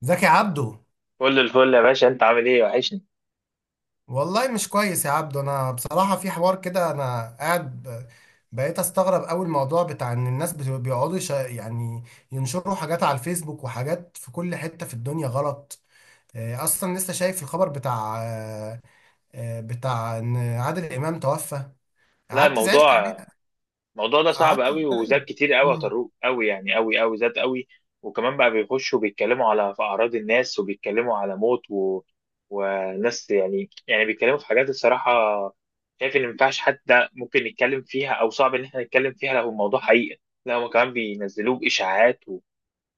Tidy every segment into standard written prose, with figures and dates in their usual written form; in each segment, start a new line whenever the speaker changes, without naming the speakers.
زكي عبده.
كل الفل يا باشا، انت عامل ايه؟ وحشني.
والله مش كويس يا عبده، انا بصراحة في حوار كده، انا قاعد بقيت استغرب قوي الموضوع بتاع ان الناس بيقعدوا يعني ينشروا حاجات على الفيسبوك وحاجات في كل حتة في الدنيا غلط. اصلا لسه شايف الخبر بتاع بتاع ان عادل امام توفى.
لا
قعدت زعلت
الموضوع
عليه.
ده صعب
قعدت
قوي، وزاد كتير قوي يا
مم.
طارق، قوي يعني، قوي قوي زاد قوي. وكمان بقى بيخشوا بيتكلموا على في اعراض الناس، وبيتكلموا على موت وناس يعني بيتكلموا في حاجات الصراحه، شايف ان ما ينفعش حتى ممكن نتكلم فيها، او صعب ان احنا نتكلم فيها لو الموضوع حقيقه. لا هم كمان بينزلوه باشاعات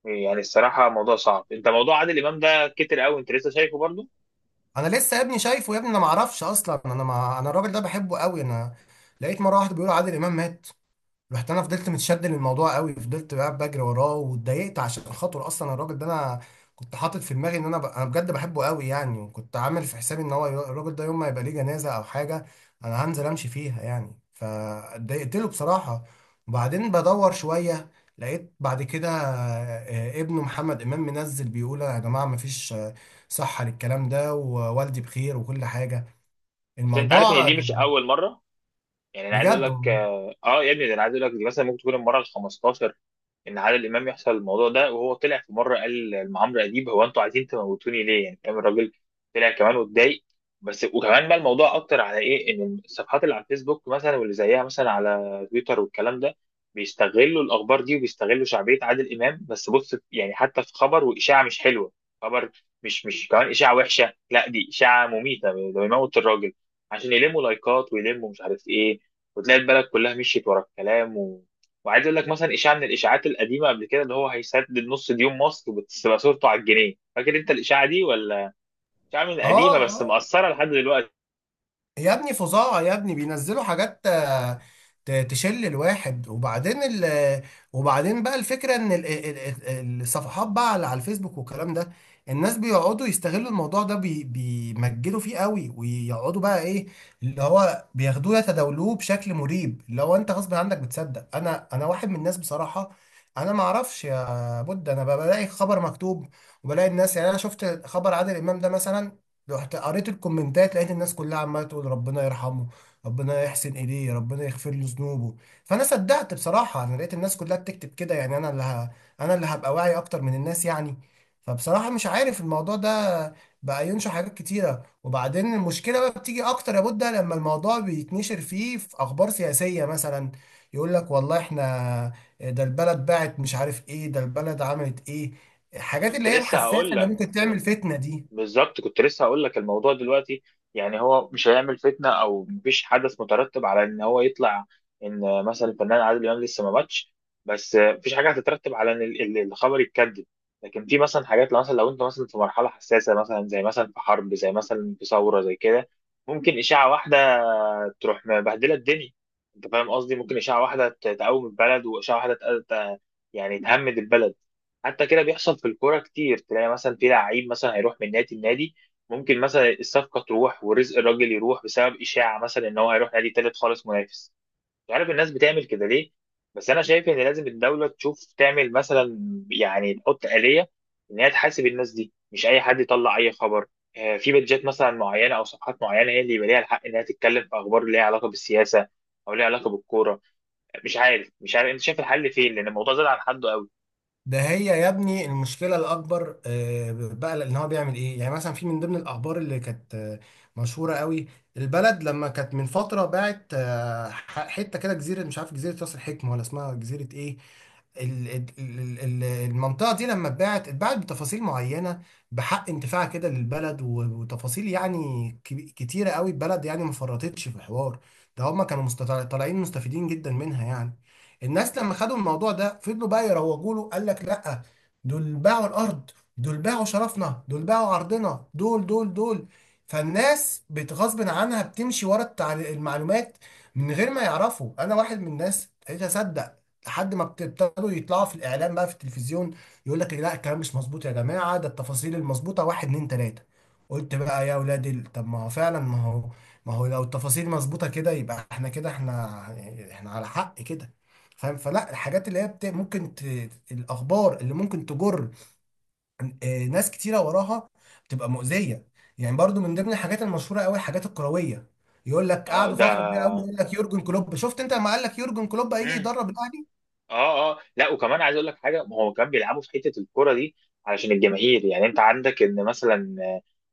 يعني الصراحه موضوع صعب. انت موضوع عادل امام ده كتر قوي، انت لسه شايفه برضه؟
انا لسه يا ابني شايفه، يا ابني انا ما اعرفش اصلا، انا ما انا الراجل ده بحبه قوي. انا لقيت مرة واحدة بيقولوا عادل امام مات. رحت انا فضلت متشد للموضوع قوي، فضلت بقى بجري وراه واتضايقت عشان خاطر اصلا الراجل ده. انا كنت حاطط في دماغي ان انا بجد بحبه قوي يعني، وكنت عامل في حسابي ان هو الراجل ده يوم ما يبقى ليه جنازه او حاجه انا هنزل امشي فيها يعني، فاتضايقت له بصراحه. وبعدين بدور شويه، لقيت بعد كده ابنه محمد امام منزل بيقول يا جماعه مفيش صحه للكلام ده، ووالدي بخير وكل حاجه.
بس انت عارف ان
الموضوع
دي مش اول مره. يعني انا عايز اقول
بجد
لك
والله.
يا ابني، ده انا عايز اقول لك دي مثلا ممكن تكون المره ال 15 ان عادل امام يحصل الموضوع ده. وهو طلع في مره قال لعمرو اديب هو انتوا عايزين تموتوني ليه؟ يعني فاهم الراجل طلع كمان واتضايق. بس وكمان بقى الموضوع اكتر على ايه؟ ان الصفحات اللي على الفيسبوك مثلا، واللي زيها مثلا على تويتر، والكلام ده بيستغلوا الاخبار دي، وبيستغلوا شعبيه عادل امام. بس بص يعني حتى في خبر واشاعه مش حلوه، خبر مش كمان اشاعه وحشه، لا دي اشاعه مميته، ده بيموت الراجل عشان يلموا لايكات ويلموا مش عارف ايه. وتلاقي البلد كلها مشيت ورا الكلام وعايز اقول لك مثلا اشاعه من الاشاعات القديمه قبل كده، اللي هو هيسدد نص ديون مصر وبتبقى صورته على الجنيه، فاكر انت الاشاعه دي ولا؟ اشاعه من
اه.
قديمه بس
آه.
مأثره لحد دلوقتي.
يا ابني فظاعة يا ابني، بينزلوا حاجات تشل الواحد. وبعدين بقى الفكرة ان الصفحات بقى على الفيسبوك والكلام ده، الناس بيقعدوا يستغلوا الموضوع ده، بيمجدوا فيه قوي ويقعدوا بقى ايه اللي هو بياخدوه يتداولوه بشكل مريب. لو انت غصب عنك بتصدق. انا واحد من الناس بصراحة. انا ما اعرفش يا بود، انا بقى بلاقي خبر مكتوب وبلاقي الناس، يعني انا شفت خبر عادل امام ده مثلا، رحت قريت الكومنتات لقيت الناس كلها عماله تقول ربنا يرحمه، ربنا يحسن اليه، ربنا يغفر له ذنوبه. فانا صدقت بصراحه، انا لقيت الناس كلها بتكتب كده، يعني انا اللي هبقى واعي اكتر من الناس يعني. فبصراحه مش عارف الموضوع ده بقى ينشر حاجات كتيره. وبعدين المشكله بقى بتيجي اكتر يا بودة لما الموضوع بيتنشر فيه في اخبار سياسيه مثلا، يقول لك والله احنا ده البلد باعت، مش عارف ايه، ده البلد عملت ايه، الحاجات
كنت
اللي هي
لسه
الحساسه
هقول
اللي
لك
ممكن تعمل فتنه دي.
بالظبط، كنت لسه هقول لك الموضوع دلوقتي يعني هو مش هيعمل فتنه او مفيش حدث مترتب على ان هو يطلع ان مثلا الفنان عادل امام لسه ما ماتش، بس مفيش حاجه هتترتب على ان الخبر يتكذب. لكن في مثلا حاجات، لو مثلا لو انت مثلا في مرحله حساسه، مثلا زي مثلا في حرب، زي مثلا في ثوره زي كده، ممكن اشاعه واحده تروح مبهدله الدنيا. انت فاهم قصدي؟ ممكن اشاعه واحده تقوم البلد، واشاعه واحده يعني تهمد البلد. حتى كده بيحصل في الكوره كتير، تلاقي مثلا في لعيب مثلا هيروح من نادي لنادي، ممكن مثلا الصفقه تروح ورزق الراجل يروح بسبب اشاعه مثلا ان هو هيروح نادي تالت خالص منافس. مش عارف الناس بتعمل كده ليه. بس انا شايف ان لازم الدوله تشوف تعمل مثلا، يعني تحط آلية ان هي تحاسب الناس دي، مش اي حد يطلع اي خبر. في بيدجات مثلا معينه او صفحات معينه هي اللي يبقى ليها الحق انها تتكلم في اخبار ليها علاقه بالسياسه او ليها علاقه بالكوره. مش عارف، انت شايف الحل فين؟ لان الموضوع زاد عن حده قوي.
ده هي يا ابني المشكله الاكبر بقى، ان هو بيعمل ايه يعني؟ مثلا في من ضمن الاخبار اللي كانت مشهوره قوي، البلد لما كانت من فتره باعت حته كده جزيره، مش عارف جزيره راس الحكمه ولا اسمها جزيره ايه. المنطقة دي لما اتباعت، اتباعت بتفاصيل معينة بحق انتفاع كده للبلد، وتفاصيل يعني كتيرة قوي، البلد يعني ما فرطتش في الحوار ده، هما كانوا طالعين مستفيدين جدا منها يعني. الناس لما خدوا الموضوع ده فضلوا بقى يروجوا له، قال لك لا، دول باعوا الأرض، دول باعوا شرفنا، دول باعوا عرضنا، دول دول دول. فالناس بتغصب عنها بتمشي ورا المعلومات من غير ما يعرفوا. انا واحد من الناس ابتديت اصدق لحد ما ابتدوا يطلعوا في الاعلام بقى في التلفزيون، يقول لك لا الكلام مش مظبوط يا جماعه، ده التفاصيل المظبوطه واحد اتنين تلاته. قلت بقى يا ولاد طب ما هو فعلا، ما هو لو التفاصيل مظبوطه كده يبقى احنا كده، احنا يعني احنا على حق كده، فاهم؟ فلا الحاجات اللي هي الاخبار اللي ممكن تجر ناس كتيره وراها بتبقى مؤذيه. يعني برضو من ضمن الحاجات المشهوره قوي الحاجات الكرويه، يقول لك
اه
قعدوا
ده.
فتره كبيره قوي يقول لك يورجن كلوب، شفت انت لما قال لك يورجن كلوب هيجي
مم.
يدرب الاهلي؟
اه لا، وكمان عايز اقول لك حاجه، ما هو كان بيلعبوا في حته الكوره دي علشان الجماهير. يعني انت عندك ان مثلا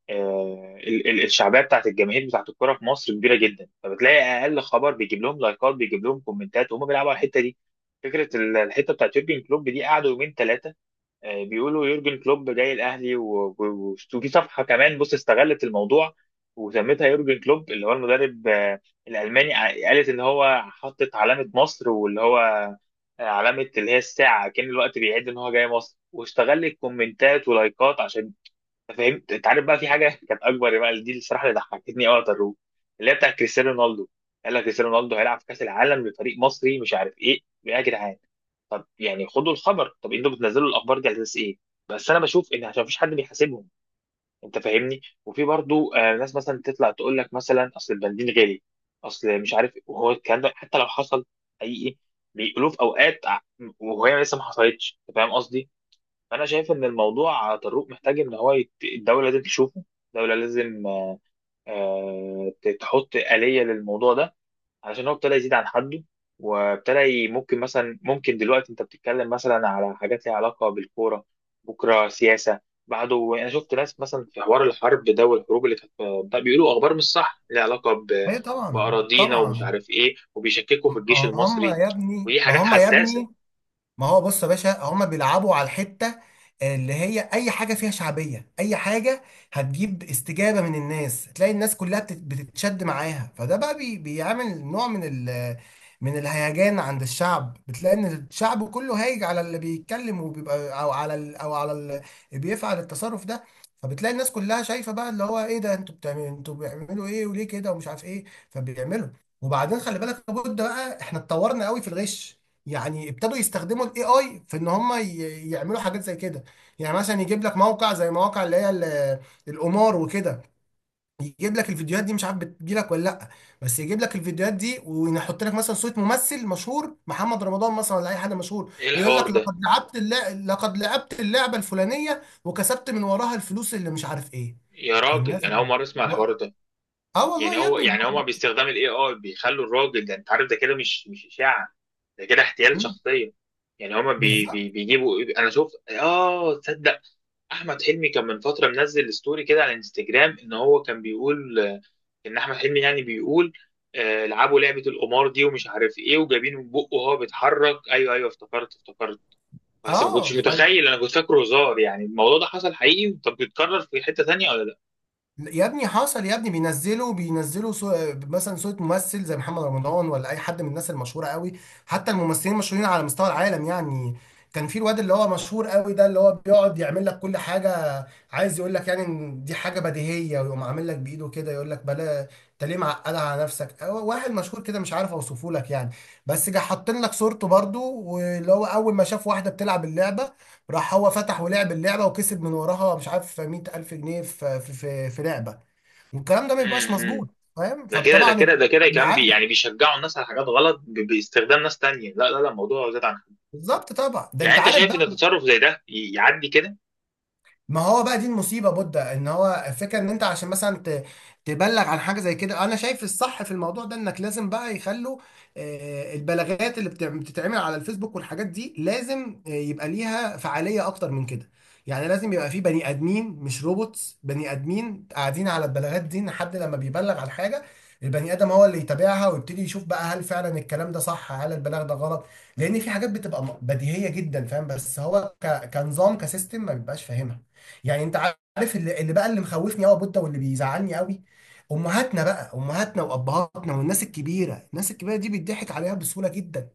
الشعبيه بتاعت الجماهير بتاعت الكوره في مصر كبيره جدا، فبتلاقي اقل خبر بيجيب لهم لايكات بيجيب لهم كومنتات، وهم بيلعبوا على الحته دي. فكره الحته بتاعت يورجن كلوب دي قعدوا يومين ثلاثه بيقولوا يورجن كلوب جاي الاهلي، وفي صفحه كمان بص استغلت الموضوع وسميتها يورجن كلوب، اللي هو المدرب الالماني قالت ان هو حطت علامه مصر، واللي هو علامه اللي هي الساعه كان الوقت بيعد ان هو جاي مصر، واستغلت كومنتات ولايكات عشان فهمت. انت عارف بقى في حاجه كانت اكبر بقى، دي الصراحه اللي ضحكتني قوي على الروح، اللي هي بتاع كريستيانو رونالدو. قال لك كريستيانو رونالدو هيلعب في كاس العالم لفريق مصري مش عارف ايه يا جدعان. طب يعني خدوا الخبر، طب انتوا بتنزلوا الاخبار دي على اساس ايه؟ بس انا بشوف ان عشان مفيش حد بيحاسبهم. انت فاهمني؟ وفي برضو آه ناس مثلا تطلع تقول لك مثلا اصل البنزين غالي، اصل مش عارف إيه. وهو الكلام ده حتى لو حصل حقيقي، بيقولوه في اوقات وهي لسه ما حصلتش. انت فاهم قصدي؟ فانا شايف ان الموضوع طارق محتاج ان هو الدوله لازم تشوفه، الدوله لازم آه، تحط آلية للموضوع ده، عشان هو ابتدى يزيد عن حده. ممكن مثلا، ممكن دلوقتي انت بتتكلم مثلا على حاجات ليها علاقه بالكوره، بكره سياسه، بعده. انا شفت ناس مثلا في حوار الحرب ده، والحروب اللي كانت ده بيقولوا اخبار مش صح ليها علاقه
ايه طبعا
باراضينا ومش
طبعا.
عارف ايه، وبيشككوا في الجيش
ما هم
المصري،
يا ابني
ودي
ما
حاجات
هم يا
حساسه.
ابني، ما هو بص يا باشا هما بيلعبوا على الحتة اللي هي أي حاجة فيها شعبية، أي حاجة هتجيب استجابة من الناس تلاقي الناس كلها بتتشد معاها. فده بقى بيعمل نوع من من الهيجان عند الشعب، بتلاقي إن الشعب كله هايج على اللي بيتكلم وبيبقى، أو على اللي بيفعل التصرف ده. فبتلاقي الناس كلها شايفة بقى اللي هو إيه ده، أنتوا بتعملوا، أنتوا بيعملوا إيه وليه كده ومش عارف إيه، فبيعملوا. وبعدين خلي بالك لابد بقى، إحنا اتطورنا قوي في الغش، يعني ابتدوا يستخدموا الاي اي في ان هم يعملوا حاجات زي كده. يعني مثلا يجيب لك موقع زي مواقع اللي هي القمار وكده، يجيب لك الفيديوهات دي، مش عارف بتجيلك ولا لا، بس يجيب لك الفيديوهات دي ويحط لك مثلا صوت ممثل مشهور محمد رمضان مثلا ولا اي حد مشهور،
ايه
ويقول
الحوار
لك
ده؟
لقد لعبت اللعبه الفلانيه وكسبت من وراها الفلوس اللي مش عارف ايه.
يا
فالناس
راجل انا اول مره اسمع الحوار ده.
اه والله
يعني
يا
هو
ابني.
يعني هما باستخدام الاي اي بيخلوا الراجل ده، انت عارف ده كده مش اشاعه، ده كده احتيال شخصيه. يعني هما بي
بالظبط.
بي بيجيبوا إيه، انا شفت. اه تصدق احمد حلمي كان من فتره منزل ستوري كده على انستجرام ان هو كان بيقول ان احمد حلمي يعني بيقول لعبوا لعبه القمار دي ومش عارف ايه، وجايبين من بقه وهو بيتحرك. ايوه ايوه، افتكرت افتكرت. بس ما كنتش
اه
متخيل، انا كنت فاكره هزار يعني. الموضوع ده حصل حقيقي؟ طب بيتكرر في حته تانيه ولا لا؟
يا ابني حصل يا ابني، مثلا صورة ممثل زي محمد رمضان ولا اي حد من الناس المشهورة قوي، حتى الممثلين المشهورين على مستوى العالم يعني. كان في الواد اللي هو مشهور قوي ده اللي هو بيقعد يعمل لك كل حاجة، عايز يقول لك يعني ان دي حاجة بديهية ويقوم عامل لك بايده كده يقول لك بلا، انت ليه معقد على نفسك؟ هو واحد مشهور كده مش عارف اوصفه لك يعني. بس جه حاطين لك صورته برضو، واللي هو اول ما شاف واحدة بتلعب اللعبة، راح هو فتح ولعب اللعبه وكسب من وراها مش عارف 100000 جنيه في لعبه، والكلام ده ما بيبقاش
امم
مظبوط. فاهم؟
ده كده،
فطبعا
يا كمان
العيال
يعني بيشجعوا الناس على حاجات غلط باستخدام ناس تانية. لا لا لا، الموضوع زاد عن حد.
بالظبط طبعا. ده
يعني
انت
انت
عارف
شايف ان
بقى،
تصرف زي ده يعدي كده؟
ما هو بقى دي المصيبه بودة، ان هو الفكره ان انت عشان مثلا تبلغ عن حاجه زي كده، انا شايف الصح في الموضوع ده انك لازم بقى يخلوا البلاغات اللي بتتعمل على الفيسبوك والحاجات دي لازم يبقى ليها فعاليه اكتر من كده. يعني لازم يبقى في بني ادمين مش روبوتس، بني ادمين قاعدين على البلاغات دي، ان حد لما بيبلغ عن حاجه البني ادم هو اللي يتابعها ويبتدي يشوف بقى هل فعلا الكلام ده صح، هل البلاغ ده غلط. لان في حاجات بتبقى بديهيه جدا فاهم، بس هو كنظام كسيستم ما بيبقاش فاهمها. يعني انت عارف اللي بقى اللي مخوفني قوي يا بودة واللي بيزعلني قوي، امهاتنا بقى، امهاتنا وابهاتنا والناس الكبيره، الناس الكبيره دي بيضحك عليها بسهوله جدا.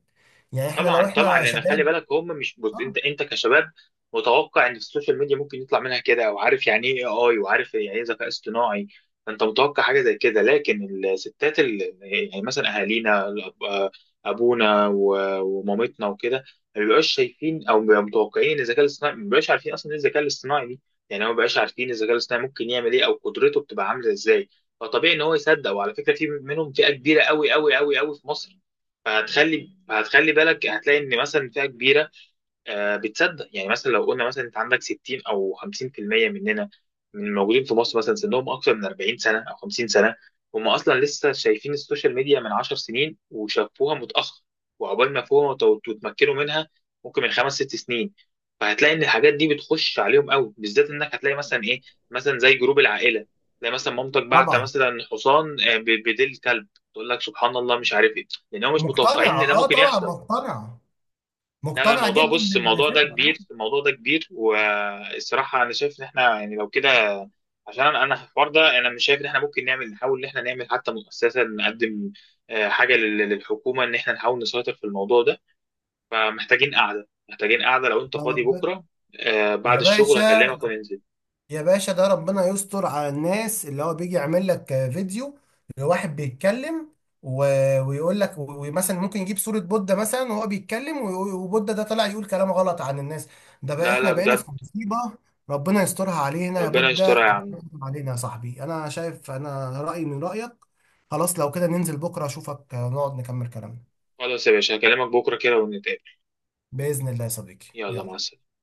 يعني احنا لو
طبعا طبعا،
احنا
لان خلي
شباب
بالك هم مش، بص
آه،
انت، انت كشباب متوقع ان السوشيال ميديا ممكن يطلع منها كده، وعارف يعني ايه اي اي، وعارف يعني ايه ذكاء اصطناعي، فانت متوقع حاجه زي كده. لكن الستات يعني مثلا اهالينا ابونا ومامتنا وكده، ما بيبقاش شايفين او بيبقوا متوقعين الذكاء الاصطناعي، ما بيبقاش عارفين اصلا ايه الذكاء الاصطناعي دي. يعني هو ما بيبقاش عارفين الذكاء الاصطناعي ممكن يعمل ايه، او قدرته بتبقى عامله ازاي. فطبيعي ان هو يصدق. وعلى فكره في منهم فئه كبيره قوي قوي قوي قوي في مصر. هتخلي بالك هتلاقي ان مثلا فئه كبيره بتصدق. يعني مثلا لو قلنا مثلا انت عندك 60 او 50% مننا من الموجودين في مصر مثلا سنهم اكثر من 40 سنه او 50 سنه، هم اصلا لسه شايفين السوشيال ميديا من 10 سنين وشافوها متاخر، وعقبال ما فهموا وتمكنوا منها، ممكن من خمس ست سنين. فهتلاقي ان الحاجات دي بتخش عليهم قوي، بالذات انك هتلاقي مثلا ايه مثلا زي جروب العائله، تلاقي مثلا مامتك بعت
طبعا.
مثلا حصان بديل كلب. تقول لك سبحان الله مش عارف ايه، لان هم مش متوقعين
مقتنعه
ان ده
اه
ممكن
طبعا،
يحصل. لا لا
مقتنعه
الموضوع،
جدا
بص الموضوع ده
بالفكره آه.
كبير، الموضوع ده كبير. والصراحة أنا شايف إن إحنا يعني لو كده، عشان أنا في الحوار ده، أنا مش شايف إن إحنا ممكن نعمل، نحاول إن إحنا نعمل حتى مؤسسة نقدم حاجة للحكومة، إن إحنا نحاول نسيطر في الموضوع ده. فمحتاجين قعدة، محتاجين قعدة. لو أنت
يا
فاضي
رب-
بكرة بعد
يا
الشغل
باشا،
هكلمك وننزل.
يا باشا ده ربنا يستر على الناس اللي هو بيجي يعمل لك فيديو لواحد بيتكلم و... ويقول لك، ومثلا ممكن يجيب صورة بودة مثلا وهو بيتكلم وبودة ده طلع يقول كلام غلط عن الناس. ده بقى
لا
احنا
لا
بقينا في
بجد.
مصيبة. ربنا يسترها علينا يا
ربنا
بودة،
يسترها يا
ربنا
عم.
يستر علينا يا صاحبي، انا شايف انا رأيي من رأيك. خلاص لو كده ننزل بكرة اشوفك نقعد نكمل كلامنا.
خلاص يا باشا، هكلمك بكرة كده ونتقابل.
بإذن الله يا صديقي،
يلا، مع
يلا.
السلامة.